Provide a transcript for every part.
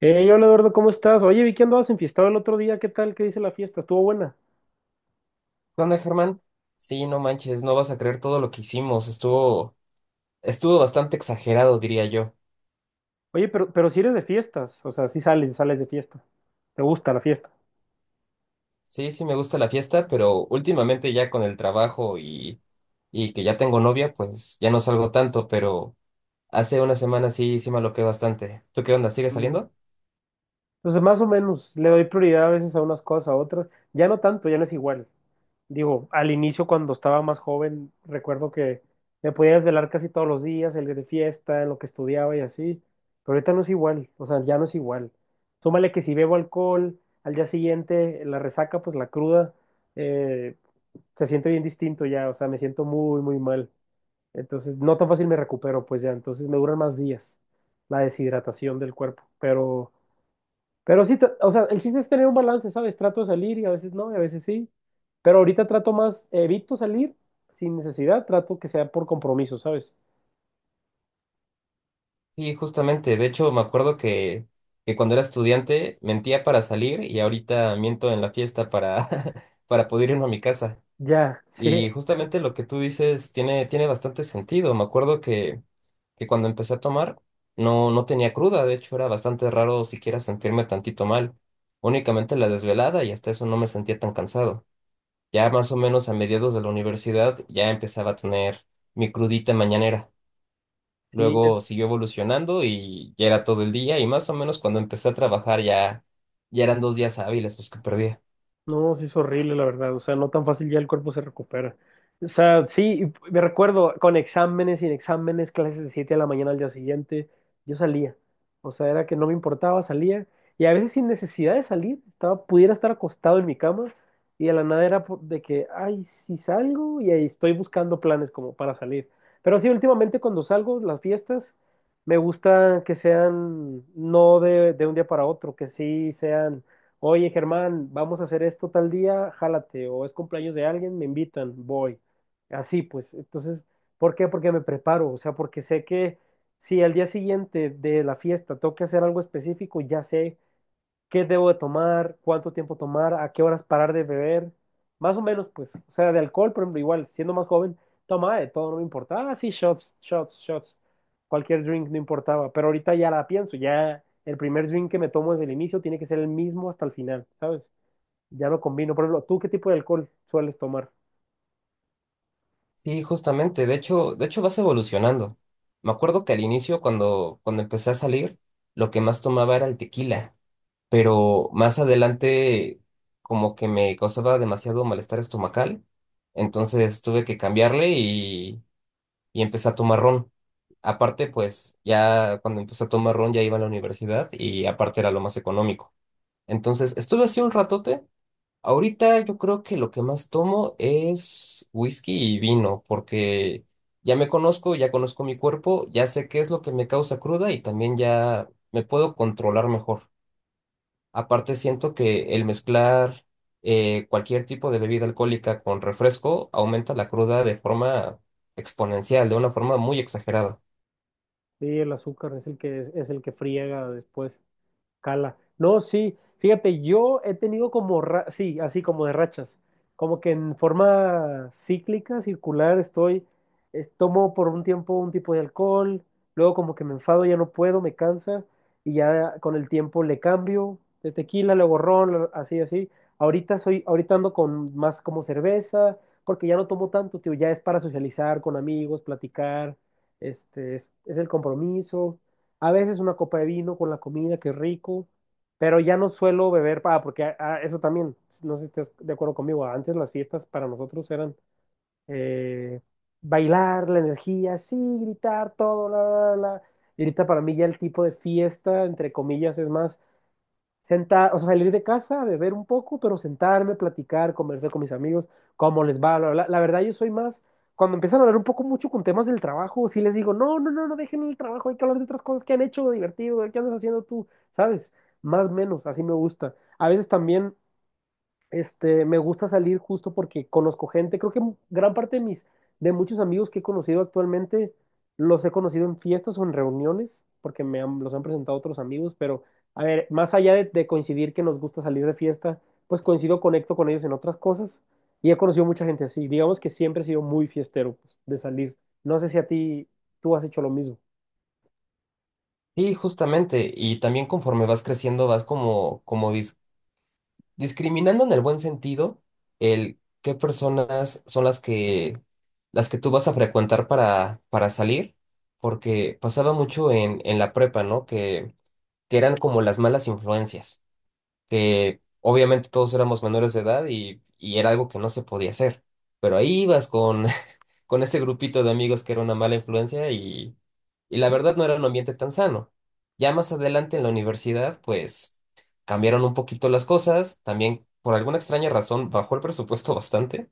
Hey, hola Eduardo, ¿cómo estás? Oye, vi que andabas enfiestado el otro día, ¿qué tal? ¿Qué dice la fiesta? Estuvo buena. ¿Qué onda, Germán? Sí, no manches, no vas a creer todo lo que hicimos. Estuvo bastante exagerado, diría yo. Oye, pero si eres de fiestas, o sea, si sales, sales de fiesta. ¿Te gusta la fiesta? Sí, sí me gusta la fiesta, pero últimamente ya con el trabajo y que ya tengo novia, pues ya no salgo tanto, pero hace una semana sí, sí me aloqué bastante. ¿Tú qué onda? ¿Sigues Mira. saliendo? Entonces, más o menos, le doy prioridad a veces a unas cosas, a otras. Ya no tanto, ya no es igual. Digo, al inicio cuando estaba más joven, recuerdo que me podía desvelar casi todos los días, el de fiesta, en lo que estudiaba y así. Pero ahorita no es igual, o sea, ya no es igual. Súmale que si bebo alcohol, al día siguiente, la resaca, pues la cruda. eh, Se siente bien distinto ya, o sea, me siento muy, muy mal. Entonces, no tan fácil me recupero, pues ya, entonces me duran más días la deshidratación del cuerpo. Pero sí, o sea, el chiste es tener un balance, ¿sabes? Trato de salir y a veces no, y a veces sí. Pero ahorita trato más, evito salir sin necesidad, trato que sea por compromiso, ¿sabes? Sí, justamente. De hecho, me acuerdo que cuando era estudiante mentía para salir y ahorita miento en la fiesta para poder irme a mi casa. Ya, sí, Y justamente lo que tú dices tiene bastante sentido. Me acuerdo que cuando empecé a tomar no, no tenía cruda, de hecho era bastante raro siquiera sentirme tantito mal. Únicamente la desvelada y hasta eso no me sentía tan cansado. Ya más o menos a mediados de la universidad ya empezaba a tener mi crudita mañanera. sí. Luego siguió evolucionando y ya era todo el día y más o menos cuando empecé a trabajar ya, ya eran 2 días hábiles los que perdía. No, sí es horrible, la verdad. O sea, no tan fácil ya el cuerpo se recupera. O sea, sí, y me recuerdo con exámenes, sin exámenes, clases de 7 de la mañana al día siguiente, yo salía. O sea, era que no me importaba, salía. Y a veces sin necesidad de salir, estaba, pudiera estar acostado en mi cama y de la nada era de que, ay, si salgo y ahí estoy buscando planes como para salir. Pero sí, últimamente cuando salgo, las fiestas, me gusta que sean no de, de un día para otro, que sí sean. Oye, Germán, vamos a hacer esto tal día, jálate, o es cumpleaños de alguien, me invitan, voy. Así pues, entonces, ¿por qué? Porque me preparo, o sea, porque sé que si al día siguiente de la fiesta tengo que hacer algo específico, ya sé qué debo de tomar, cuánto tiempo tomar, a qué horas parar de beber, más o menos, pues, o sea, de alcohol, por ejemplo, igual, siendo más joven, tomaba de todo, no me importaba, sí, shots, shots, shots, cualquier drink no importaba, pero ahorita ya la pienso, ya el primer drink que me tomo desde el inicio tiene que ser el mismo hasta el final, ¿sabes? Ya no combino, por ejemplo, ¿tú qué tipo de alcohol sueles tomar? Sí, justamente. De hecho, vas evolucionando. Me acuerdo que al inicio, cuando empecé a salir, lo que más tomaba era el tequila, pero más adelante como que me causaba demasiado malestar estomacal, entonces tuve que cambiarle y empecé a tomar ron. Aparte, pues ya cuando empecé a tomar ron ya iba a la universidad y aparte era lo más económico. Entonces estuve así un ratote. Ahorita yo creo que lo que más tomo es whisky y vino, porque ya me conozco, ya conozco mi cuerpo, ya sé qué es lo que me causa cruda y también ya me puedo controlar mejor. Aparte siento que el mezclar cualquier tipo de bebida alcohólica con refresco aumenta la cruda de forma exponencial, de una forma muy exagerada. Sí, el azúcar es, el que friega después. Cala. No, sí, fíjate, yo he tenido como, sí, así como de rachas, como que en forma cíclica, circular, estoy, tomo por un tiempo un tipo de alcohol, luego como que me enfado, ya no puedo, me cansa, y ya con el tiempo le cambio de tequila, luego ron, así, así. Ahorita soy, ahorita ando con más como cerveza, porque ya no tomo tanto, tío, ya es para socializar con amigos, platicar, este, es el compromiso. A veces una copa de vino con la comida, que rico, pero ya no suelo beber, para porque eso también, no sé si estás de acuerdo conmigo, antes las fiestas para nosotros eran eh, bailar, la energía, sí, gritar, todo, la, la, la. Y ahorita para mí ya el tipo de fiesta, entre comillas, es más sentar, o sea, salir de casa, beber un poco, pero sentarme, platicar, conversar con mis amigos, cómo les va, bla, bla, bla. La verdad, yo soy más, cuando empiezan a hablar un poco mucho con temas del trabajo, sí les digo, no, no, no, no dejen el trabajo, hay que hablar de otras cosas que han hecho divertido, ¿qué andas haciendo tú? ¿Sabes? Más o menos, así me gusta. A veces también este, me gusta salir justo porque conozco gente. Creo que gran parte de mis, de muchos amigos que he conocido actualmente, los he conocido en fiestas o en reuniones, porque los han presentado otros amigos. Pero, a ver, más allá de coincidir que nos gusta salir de fiesta, pues coincido, conecto con ellos en otras cosas. Y he conocido mucha gente así. Digamos que siempre he sido muy fiestero, pues, de salir. No sé si a ti, tú has hecho lo mismo. Y justamente, y también conforme vas creciendo vas como discriminando en el buen sentido, el qué personas son las que tú vas a frecuentar para salir, porque pasaba mucho en la prepa, ¿no? Que eran como las malas influencias, que obviamente todos éramos menores de edad y era algo que no se podía hacer, pero ahí ibas con ese grupito de amigos que era una mala influencia y la verdad no era un ambiente tan sano. Ya más adelante en la universidad, pues cambiaron un poquito las cosas, también por alguna extraña razón bajó el presupuesto bastante.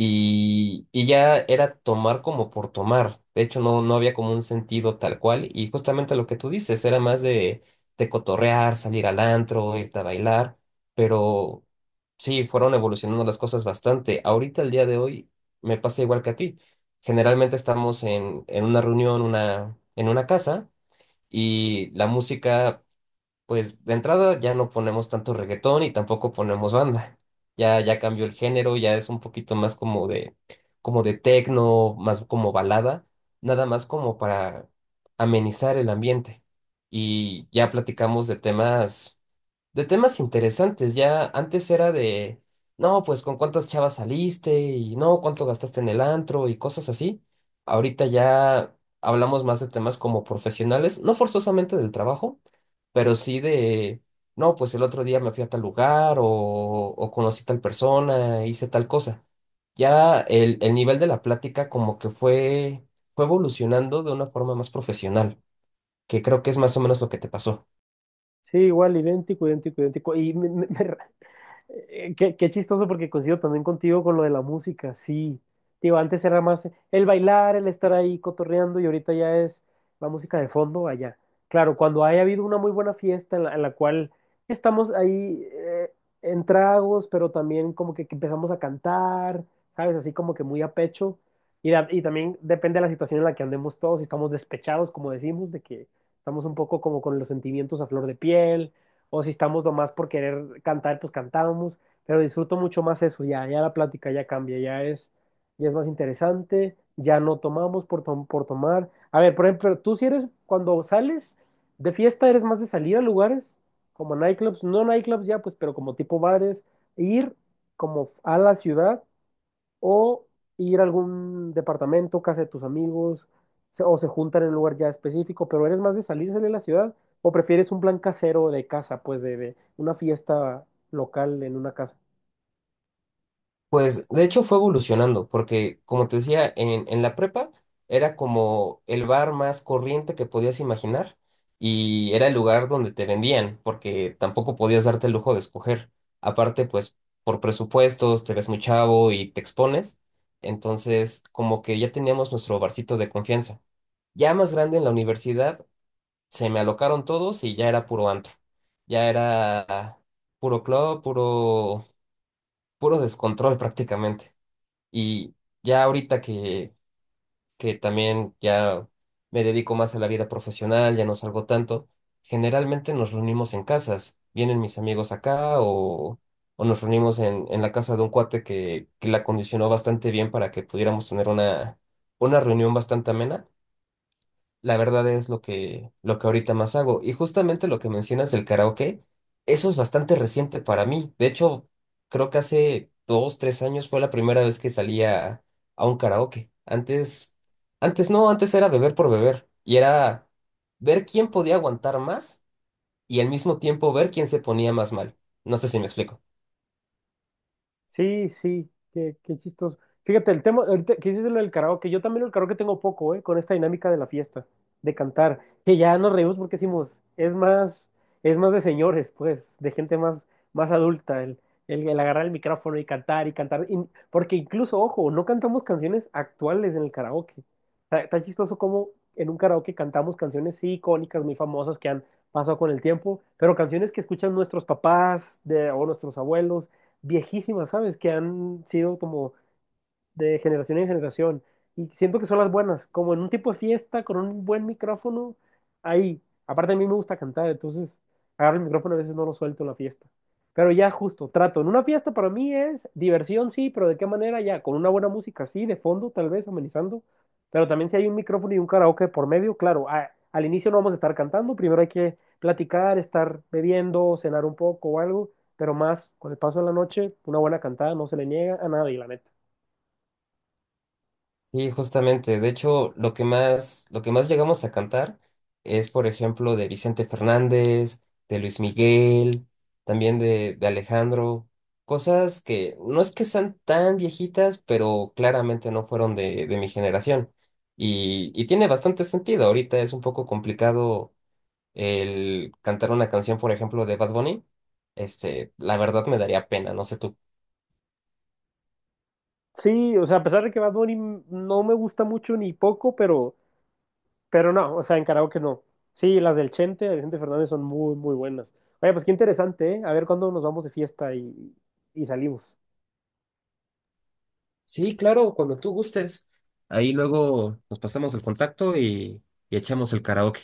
Y ya era tomar como por tomar. De hecho, no, no había como un sentido tal cual. Y justamente lo que tú dices, era más de cotorrear, salir al antro, irte a bailar. Pero sí, fueron evolucionando las cosas bastante. Ahorita, el día de hoy, me pasa igual que a ti. Generalmente estamos en una reunión, en una casa, y la música pues de entrada ya no ponemos tanto reggaetón y tampoco ponemos banda. Ya, ya cambió el género, ya es un poquito más como de tecno, más como balada, nada más como para amenizar el ambiente. Y ya platicamos de temas, de, temas interesantes. Ya antes era de, no, pues con cuántas chavas saliste y no, cuánto gastaste en el antro y cosas así. Ahorita ya hablamos más de temas como profesionales, no forzosamente del trabajo pero sí no, pues el otro día me fui a tal lugar o conocí tal persona, hice tal cosa. Ya el nivel de la plática como que fue evolucionando de una forma más profesional, que creo que es más o menos lo que te pasó. Sí, igual, idéntico, idéntico, idéntico. Y eh, qué, qué chistoso porque coincido también contigo con lo de la música, sí. Digo, antes era más el bailar, el estar ahí cotorreando y ahorita ya es la música de fondo allá. Claro, cuando haya habido una muy buena fiesta en la cual estamos ahí en tragos, pero también como que empezamos a cantar, ¿sabes? Así como que muy a pecho. Y, y también depende de la situación en la que andemos todos, si estamos despechados, como decimos, de que estamos un poco como con los sentimientos a flor de piel o si estamos nomás por querer cantar, pues cantábamos, pero disfruto mucho más eso, ya, ya la plática ya cambia, ya es más interesante, ya no tomamos por, por tomar. A ver, por ejemplo, tú si eres, cuando sales de fiesta, eres más de salir a lugares como nightclubs, no nightclubs ya, pues, pero como tipo bares, ir como a la ciudad o ir a algún departamento, casa de tus amigos, o se juntan en un lugar ya específico, pero eres más de salirse de la ciudad o prefieres un plan casero de casa, pues de una fiesta local en una casa. Pues de hecho fue evolucionando, porque como te decía, en la prepa era como el bar más corriente que podías imaginar y era el lugar donde te vendían, porque tampoco podías darte el lujo de escoger. Aparte, pues por presupuestos, te ves muy chavo y te expones. Entonces, como que ya teníamos nuestro barcito de confianza. Ya más grande en la universidad, se me alocaron todos y ya era puro antro. Ya era puro club, puro, puro descontrol prácticamente. Y ya ahorita que también ya me dedico más a la vida profesional, ya no salgo tanto, generalmente nos reunimos en casas. Vienen mis amigos acá o nos reunimos en la casa de un cuate que la condicionó bastante bien para que pudiéramos tener una reunión bastante amena. La verdad es lo que ahorita más hago. Y justamente lo que mencionas del karaoke, eso es bastante reciente para mí. De hecho, creo que hace 2, 3 años fue la primera vez que salía a un karaoke. Antes no, antes era beber por beber. Y era ver quién podía aguantar más y al mismo tiempo ver quién se ponía más mal. No sé si me explico. Sí, sí, qué, qué chistoso. Fíjate, el tema, ahorita que dices lo del karaoke, yo también el karaoke tengo poco, ¿eh? Con esta dinámica de la fiesta, de cantar, que ya nos reímos porque decimos, es más de señores, pues, de gente más, más adulta, el agarrar el micrófono y cantar y cantar, y- porque incluso, ojo, no cantamos canciones actuales en el karaoke. Está, está chistoso como en un karaoke cantamos canciones sí, icónicas, muy famosas que han pasado con el tiempo, pero canciones que escuchan nuestros papás de, o nuestros abuelos viejísimas, ¿sabes? Que han sido como de generación en generación. Y siento que son las buenas, como en un tipo de fiesta, con un buen micrófono, ahí. Aparte a mí me gusta cantar, entonces agarro el micrófono, y a veces no lo suelto en la fiesta. Pero ya justo, trato. En una fiesta para mí es diversión, sí, pero ¿de qué manera ya? Con una buena música, sí, de fondo, tal vez, amenizando. Pero también si hay un micrófono y un karaoke por medio, claro, al inicio no vamos a estar cantando, primero hay que platicar, estar bebiendo, cenar un poco o algo, pero más con el paso de la noche, una buena cantada no se le niega a nadie, la neta. Y justamente, de hecho, lo que más llegamos a cantar es, por ejemplo, de Vicente Fernández, de Luis Miguel, también de Alejandro, cosas que no es que sean tan viejitas, pero claramente no fueron de mi generación. Y tiene bastante sentido. Ahorita es un poco complicado el cantar una canción, por ejemplo, de Bad Bunny. Este, la verdad me daría pena, no sé tú. Sí, o sea, a pesar de que Bad Bunny no me gusta mucho ni poco, pero no, o sea, en karaoke no. Sí, las del Chente, de Vicente Fernández son muy, muy buenas. Oye, pues qué interesante, ¿eh? A ver cuándo nos vamos de fiesta y salimos. Sí, claro, cuando tú gustes. Ahí luego nos pasamos el contacto y echamos el karaoke.